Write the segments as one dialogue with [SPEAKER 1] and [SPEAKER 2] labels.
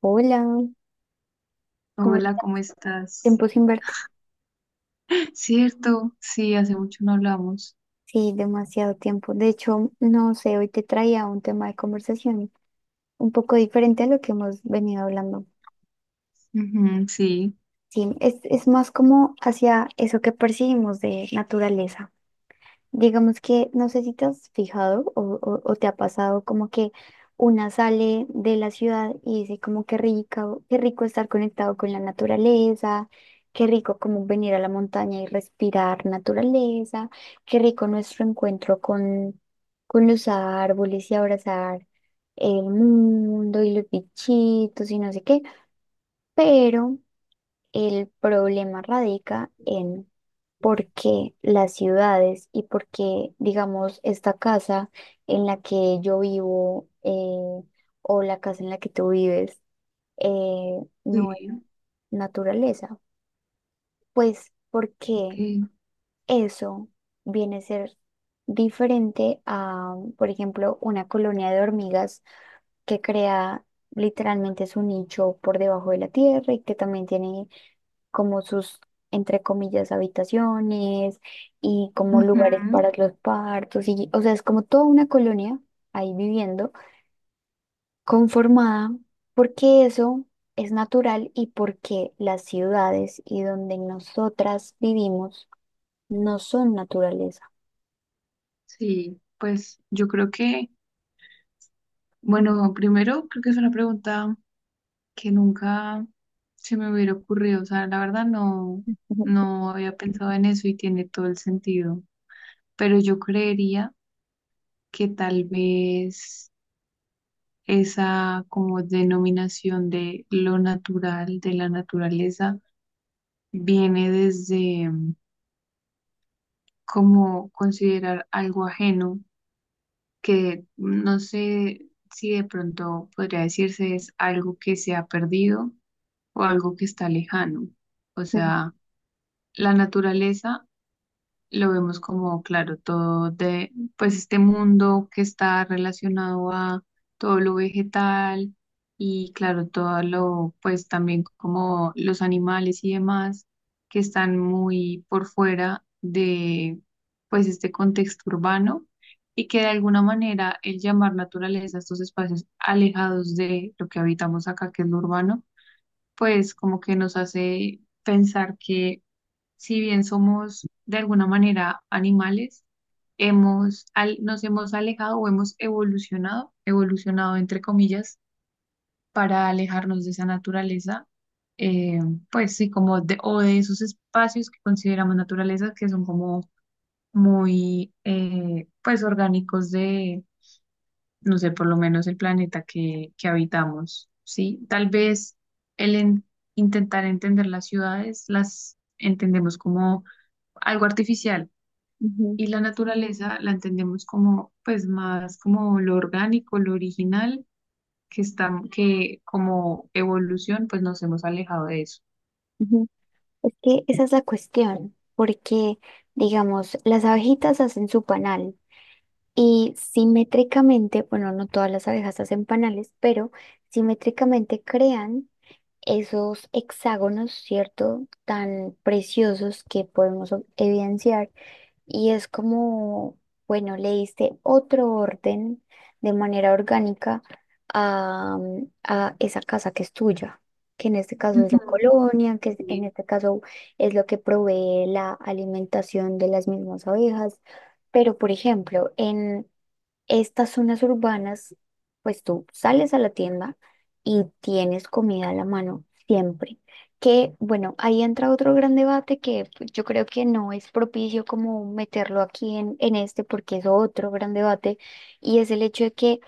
[SPEAKER 1] Hola, ¿cómo
[SPEAKER 2] Hola,
[SPEAKER 1] estás?
[SPEAKER 2] ¿cómo estás?
[SPEAKER 1] Tiempo sin verte.
[SPEAKER 2] Cierto, sí, hace mucho no hablamos.
[SPEAKER 1] Sí, demasiado tiempo. De hecho, no sé, hoy te traía un tema de conversación un poco diferente a lo que hemos venido hablando.
[SPEAKER 2] Ujú, sí,
[SPEAKER 1] Sí, es más como hacia eso que percibimos de naturaleza. Digamos que no sé si te has fijado o te ha pasado como que una sale de la ciudad y dice como qué rico estar conectado con la naturaleza, qué rico como venir a la montaña y respirar naturaleza, qué rico nuestro encuentro con los árboles y abrazar el mundo y los bichitos y no sé qué, pero... El problema radica en por qué las ciudades y por qué, digamos, esta casa en la que yo vivo, o la casa en la que tú vives eh, no es
[SPEAKER 2] sí,
[SPEAKER 1] naturaleza. Pues porque
[SPEAKER 2] ok.
[SPEAKER 1] eso viene a ser diferente a, por ejemplo, una colonia de hormigas que crea literalmente su nicho por debajo de la tierra y que también tiene como sus, entre comillas, habitaciones y como
[SPEAKER 2] Ujú,
[SPEAKER 1] lugares para los partos. Y, o sea, es como toda una colonia ahí viviendo, conformada, porque eso es natural y porque las ciudades y donde nosotras vivimos no son naturaleza.
[SPEAKER 2] sí, pues yo creo bueno, primero creo que es una pregunta que nunca se me hubiera ocurrido. O sea, la verdad
[SPEAKER 1] Ujú,
[SPEAKER 2] no había pensado en eso y tiene todo el sentido. Pero yo creería que tal vez esa como denominación de lo natural, de la naturaleza, viene desde como considerar algo ajeno, que no sé si de pronto podría decirse es algo que se ha perdido o algo que está lejano. O
[SPEAKER 1] ujú,
[SPEAKER 2] sea, la naturaleza lo vemos como, claro, todo pues este mundo que está relacionado a todo lo vegetal y, claro, todo lo, pues también como los animales y demás que están muy por fuera de, pues este contexto urbano y que de alguna manera el llamar naturaleza a estos espacios alejados de lo que habitamos acá, que es lo urbano, pues como que nos hace pensar que si bien somos de alguna manera animales, nos hemos alejado o hemos evolucionado entre comillas, para alejarnos de esa naturaleza, eh, pues sí, como de, o de esos espacios que consideramos naturaleza, que son como pues orgánicos de, no sé, por lo menos el planeta que habitamos, ¿sí? Tal vez el en- intentar entender las ciudades, las entendemos como algo artificial
[SPEAKER 1] ujú,
[SPEAKER 2] y la naturaleza la entendemos como, pues más como lo orgánico, lo original, que como evolución, pues nos hemos alejado de eso.
[SPEAKER 1] ujú. Es que esa es la cuestión, porque, digamos, las abejitas hacen su panal. Y simétricamente, bueno, no todas las abejas hacen panales, pero simétricamente crean esos hexágonos, ¿cierto? Tan preciosos que podemos evidenciar. Y es como, bueno, le diste otro orden de manera orgánica a, a esa casa que es tuya, que en este caso es la
[SPEAKER 2] Ujú,
[SPEAKER 1] colonia, en
[SPEAKER 2] sí,
[SPEAKER 1] este caso es lo que provee la alimentación de las mismas abejas. Pero, por ejemplo, en estas zonas urbanas, pues tú sales a la tienda y tienes comida a la mano siempre. Que bueno, ahí entra otro gran debate que pues, yo creo que no es propicio como meterlo aquí en este, porque es otro gran debate, y es el hecho de que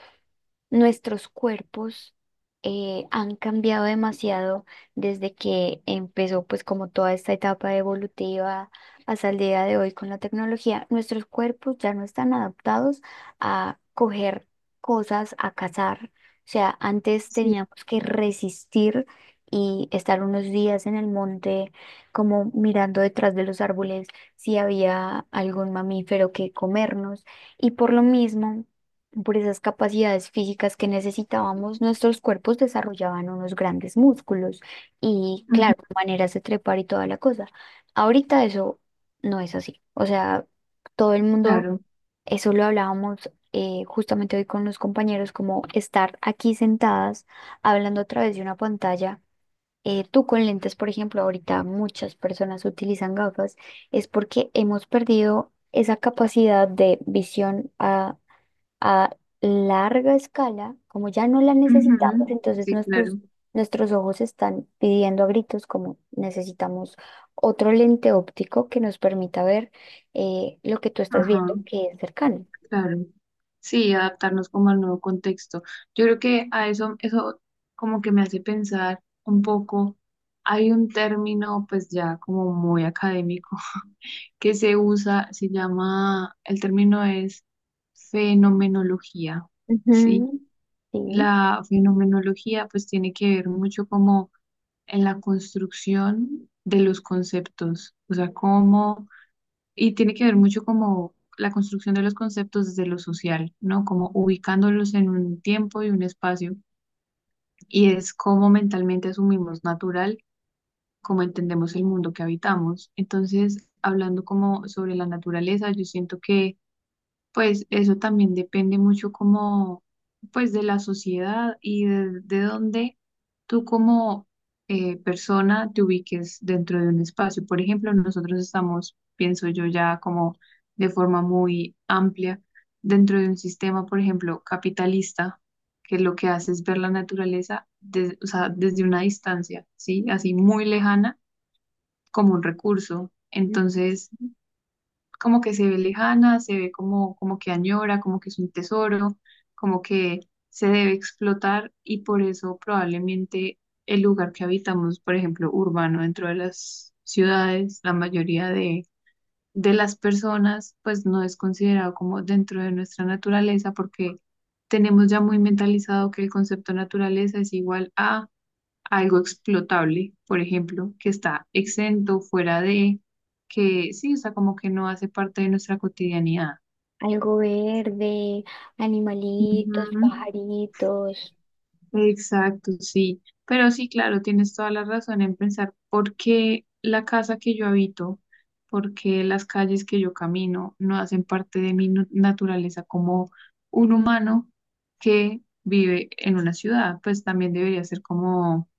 [SPEAKER 1] nuestros cuerpos han cambiado demasiado desde que empezó pues como toda esta etapa evolutiva hasta el día de hoy con la tecnología. Nuestros cuerpos ya no están adaptados a coger cosas, a cazar. O sea, antes
[SPEAKER 2] sí,
[SPEAKER 1] teníamos que resistir y estar unos días en el monte como mirando detrás de los árboles si había algún mamífero que comernos. Y por lo mismo... Por esas capacidades físicas que necesitábamos, nuestros cuerpos desarrollaban unos grandes músculos y,
[SPEAKER 2] ujú,
[SPEAKER 1] claro, maneras de trepar y toda la cosa. Ahorita eso no es así. O sea, todo el mundo,
[SPEAKER 2] claro,
[SPEAKER 1] eso lo hablábamos justamente hoy con los compañeros, como estar aquí sentadas hablando a través de una pantalla. Tú con lentes, por ejemplo, ahorita muchas personas utilizan gafas, es porque hemos perdido esa capacidad de visión a larga escala, como ya no la necesitamos,
[SPEAKER 2] ujú,
[SPEAKER 1] entonces
[SPEAKER 2] sí, claro.
[SPEAKER 1] nuestros ojos están pidiendo a gritos como necesitamos otro lente óptico que nos permita ver lo que tú estás
[SPEAKER 2] Ajá,
[SPEAKER 1] viendo que es cercano.
[SPEAKER 2] claro. Sí, adaptarnos como al nuevo contexto. Yo creo que a eso como que me hace pensar un poco, hay un término pues ya como muy académico que se usa, se llama, el término es fenomenología, ¿sí?
[SPEAKER 1] Ujú. Sí.
[SPEAKER 2] La fenomenología pues tiene que ver mucho como en la construcción de los conceptos, o sea, y tiene que ver mucho como la construcción de los conceptos desde lo social, ¿no? Como ubicándolos en un tiempo y un espacio, y es cómo mentalmente asumimos natural cómo entendemos el mundo que habitamos. Entonces, hablando como sobre la naturaleza, yo siento que pues eso también depende mucho como, pues de la sociedad y de dónde tú como persona te ubiques dentro de un espacio. Por ejemplo, nosotros estamos, pienso yo, ya como de forma muy amplia dentro de un sistema, por ejemplo, capitalista, que lo que hace es ver la naturaleza o sea, desde una distancia, ¿sí? Así muy lejana como un recurso.
[SPEAKER 1] Ujú.
[SPEAKER 2] Entonces como que se ve lejana, se ve como, como que añora, como que es un tesoro, como que se debe explotar y por eso probablemente el lugar que habitamos, por ejemplo, urbano dentro de las ciudades, la mayoría de las personas, pues no es considerado como dentro de nuestra naturaleza porque tenemos ya muy mentalizado que el concepto naturaleza es igual a algo explotable, por ejemplo, que está exento, fuera de, que sí, o sea, como que no hace parte de nuestra cotidianidad.
[SPEAKER 1] Algo verde, animalitos,
[SPEAKER 2] Ujú,
[SPEAKER 1] pajaritos,
[SPEAKER 2] exacto, sí. Pero sí, claro, tienes toda la razón en pensar por qué la casa que yo habito, por qué las calles que yo camino no hacen parte de mi naturaleza como un humano que vive en una ciudad, pues también debería ser como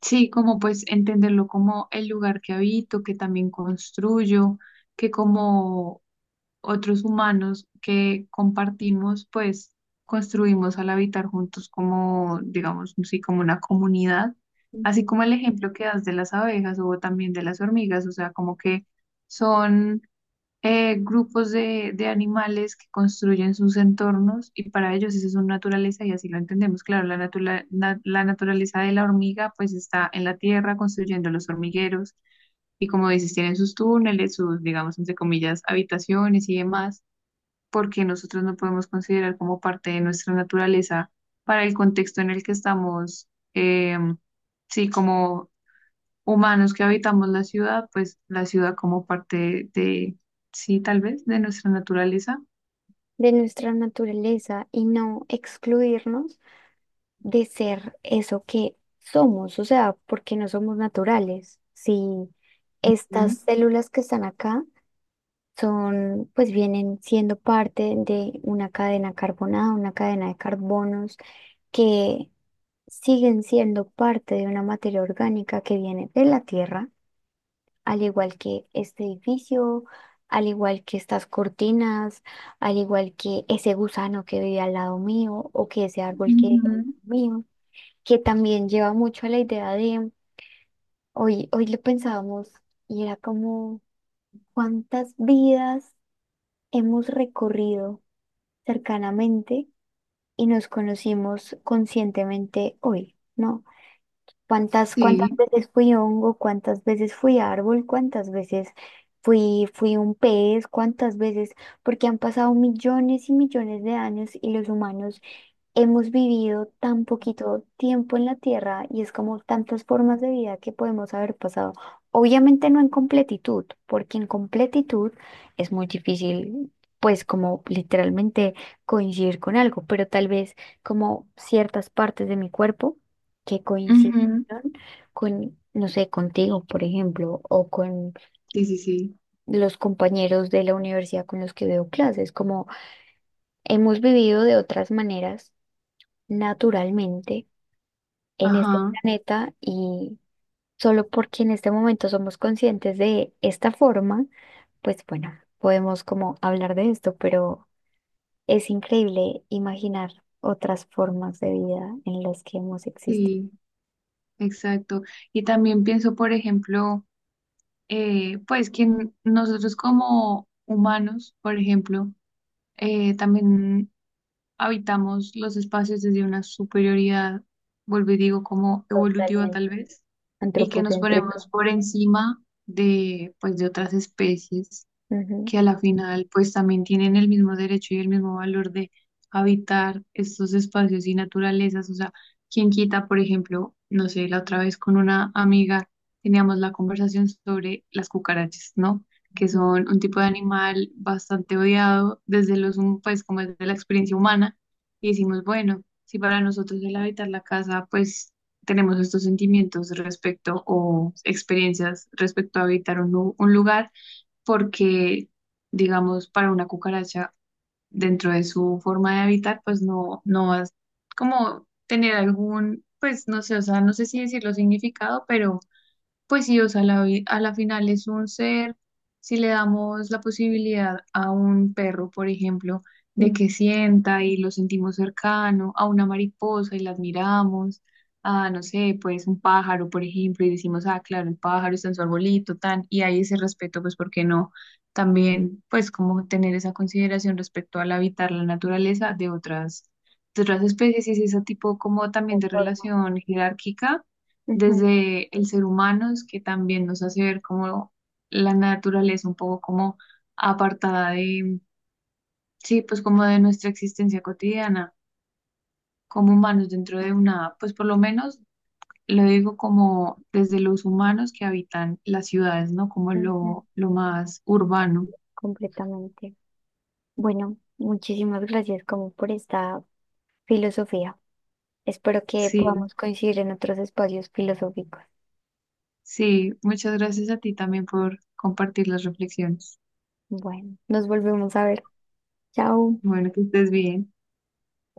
[SPEAKER 2] sí, como pues entenderlo como el lugar que habito, que también construyo, que como otros humanos que compartimos, pues construimos al habitar juntos como, digamos, sí, como una comunidad, así
[SPEAKER 1] ujú,
[SPEAKER 2] como el ejemplo que das de las abejas o también de las hormigas, o sea, como que son grupos de animales que construyen sus entornos y para ellos esa es su naturaleza y así lo entendemos. Claro, la naturaleza de la hormiga pues está en la tierra construyendo los hormigueros y como dices, tienen sus túneles, sus, digamos, entre comillas, habitaciones y demás, porque nosotros no podemos considerar como parte de nuestra naturaleza para el contexto en el que estamos, em, sí, como humanos que habitamos la ciudad, pues la ciudad como parte de, sí, tal vez, de nuestra naturaleza.
[SPEAKER 1] de nuestra naturaleza y no excluirnos de ser eso que somos, o sea, porque no somos naturales. Si
[SPEAKER 2] Mm,
[SPEAKER 1] estas células que están acá son, pues vienen siendo parte de una cadena carbonada, una cadena de carbonos que siguen siendo parte de una materia orgánica que viene de la tierra, al igual que este edificio, al igual que estas cortinas, al igual que ese gusano que vive al lado mío o que ese árbol que vive
[SPEAKER 2] ujú,
[SPEAKER 1] al lado mío, que también lleva mucho a la idea de, hoy lo pensábamos y era como cuántas vidas hemos recorrido cercanamente y nos conocimos conscientemente hoy, ¿no? ¿Cuántas
[SPEAKER 2] sí,
[SPEAKER 1] veces fui hongo, cuántas veces fui árbol, cuántas veces fui un pez, cuántas veces, porque han pasado millones y millones de años y los humanos hemos vivido tan poquito tiempo en la Tierra y es como tantas formas de vida que podemos haber pasado. Obviamente no en completitud, porque en completitud es muy difícil, pues como literalmente coincidir con algo, pero tal vez como ciertas partes de mi cuerpo que coincidieron
[SPEAKER 2] ujú,
[SPEAKER 1] con, no sé, contigo, por ejemplo, o con
[SPEAKER 2] sí, sí, sí,
[SPEAKER 1] los compañeros de la universidad con los que veo clases, como hemos vivido de otras maneras naturalmente en este
[SPEAKER 2] ajá,
[SPEAKER 1] planeta y solo porque en este momento somos conscientes de esta forma, pues bueno, podemos como hablar de esto, pero es increíble imaginar otras formas de vida en las que hemos existido.
[SPEAKER 2] sí, exacto. Y también pienso, por ejemplo, pues que nosotros como humanos, por ejemplo, también habitamos los espacios desde una superioridad, vuelvo y digo, como evolutiva
[SPEAKER 1] Totalmente.
[SPEAKER 2] tal vez, y que nos
[SPEAKER 1] Antropocéntrico.
[SPEAKER 2] ponemos por encima de, pues, de otras especies
[SPEAKER 1] Ujú.
[SPEAKER 2] que a la final pues también tienen el mismo derecho y el mismo valor de habitar estos espacios y naturalezas. O sea, quien quita, por ejemplo, no sé, la otra vez con una amiga teníamos la conversación sobre las cucarachas, ¿no? Que
[SPEAKER 1] Ujú.
[SPEAKER 2] son un tipo de animal bastante odiado desde pues como desde la experiencia humana. Y decimos, bueno, si para nosotros el habitar la casa, pues tenemos estos sentimientos respecto o experiencias respecto a habitar un lugar porque, digamos, para una cucaracha, dentro de su forma de habitar, pues no vas como tener algún, pues no sé, o sea, no sé si decirlo significado, pero pues sí, o sea, a la final es un ser, si le damos la posibilidad a un perro, por ejemplo, de
[SPEAKER 1] Mm.
[SPEAKER 2] que sienta y lo sentimos cercano, a una mariposa y la admiramos, a, no sé, pues un pájaro, por ejemplo, y decimos, ah, claro, el pájaro está en su arbolito, tan, y hay ese respeto, pues, ¿por qué no? También, pues, como tener esa consideración respecto al habitar la naturaleza de otras especies y ese tipo como también
[SPEAKER 1] O
[SPEAKER 2] de
[SPEAKER 1] forma.
[SPEAKER 2] relación jerárquica
[SPEAKER 1] Ujú,
[SPEAKER 2] desde el ser humano, es que también nos hace ver como la naturaleza un poco como apartada de, sí, pues como de nuestra existencia cotidiana, como humanos dentro de una, pues por lo menos lo digo como desde los humanos que habitan las ciudades, ¿no? Como
[SPEAKER 1] ujú.
[SPEAKER 2] lo más urbano.
[SPEAKER 1] Completamente. Bueno, muchísimas gracias como por esta filosofía. Espero que
[SPEAKER 2] Sí,
[SPEAKER 1] podamos coincidir en otros espacios filosóficos.
[SPEAKER 2] sí, muchas gracias a ti también por compartir las reflexiones.
[SPEAKER 1] Bueno, nos volvemos a ver. Chao.
[SPEAKER 2] Bueno, que estés bien.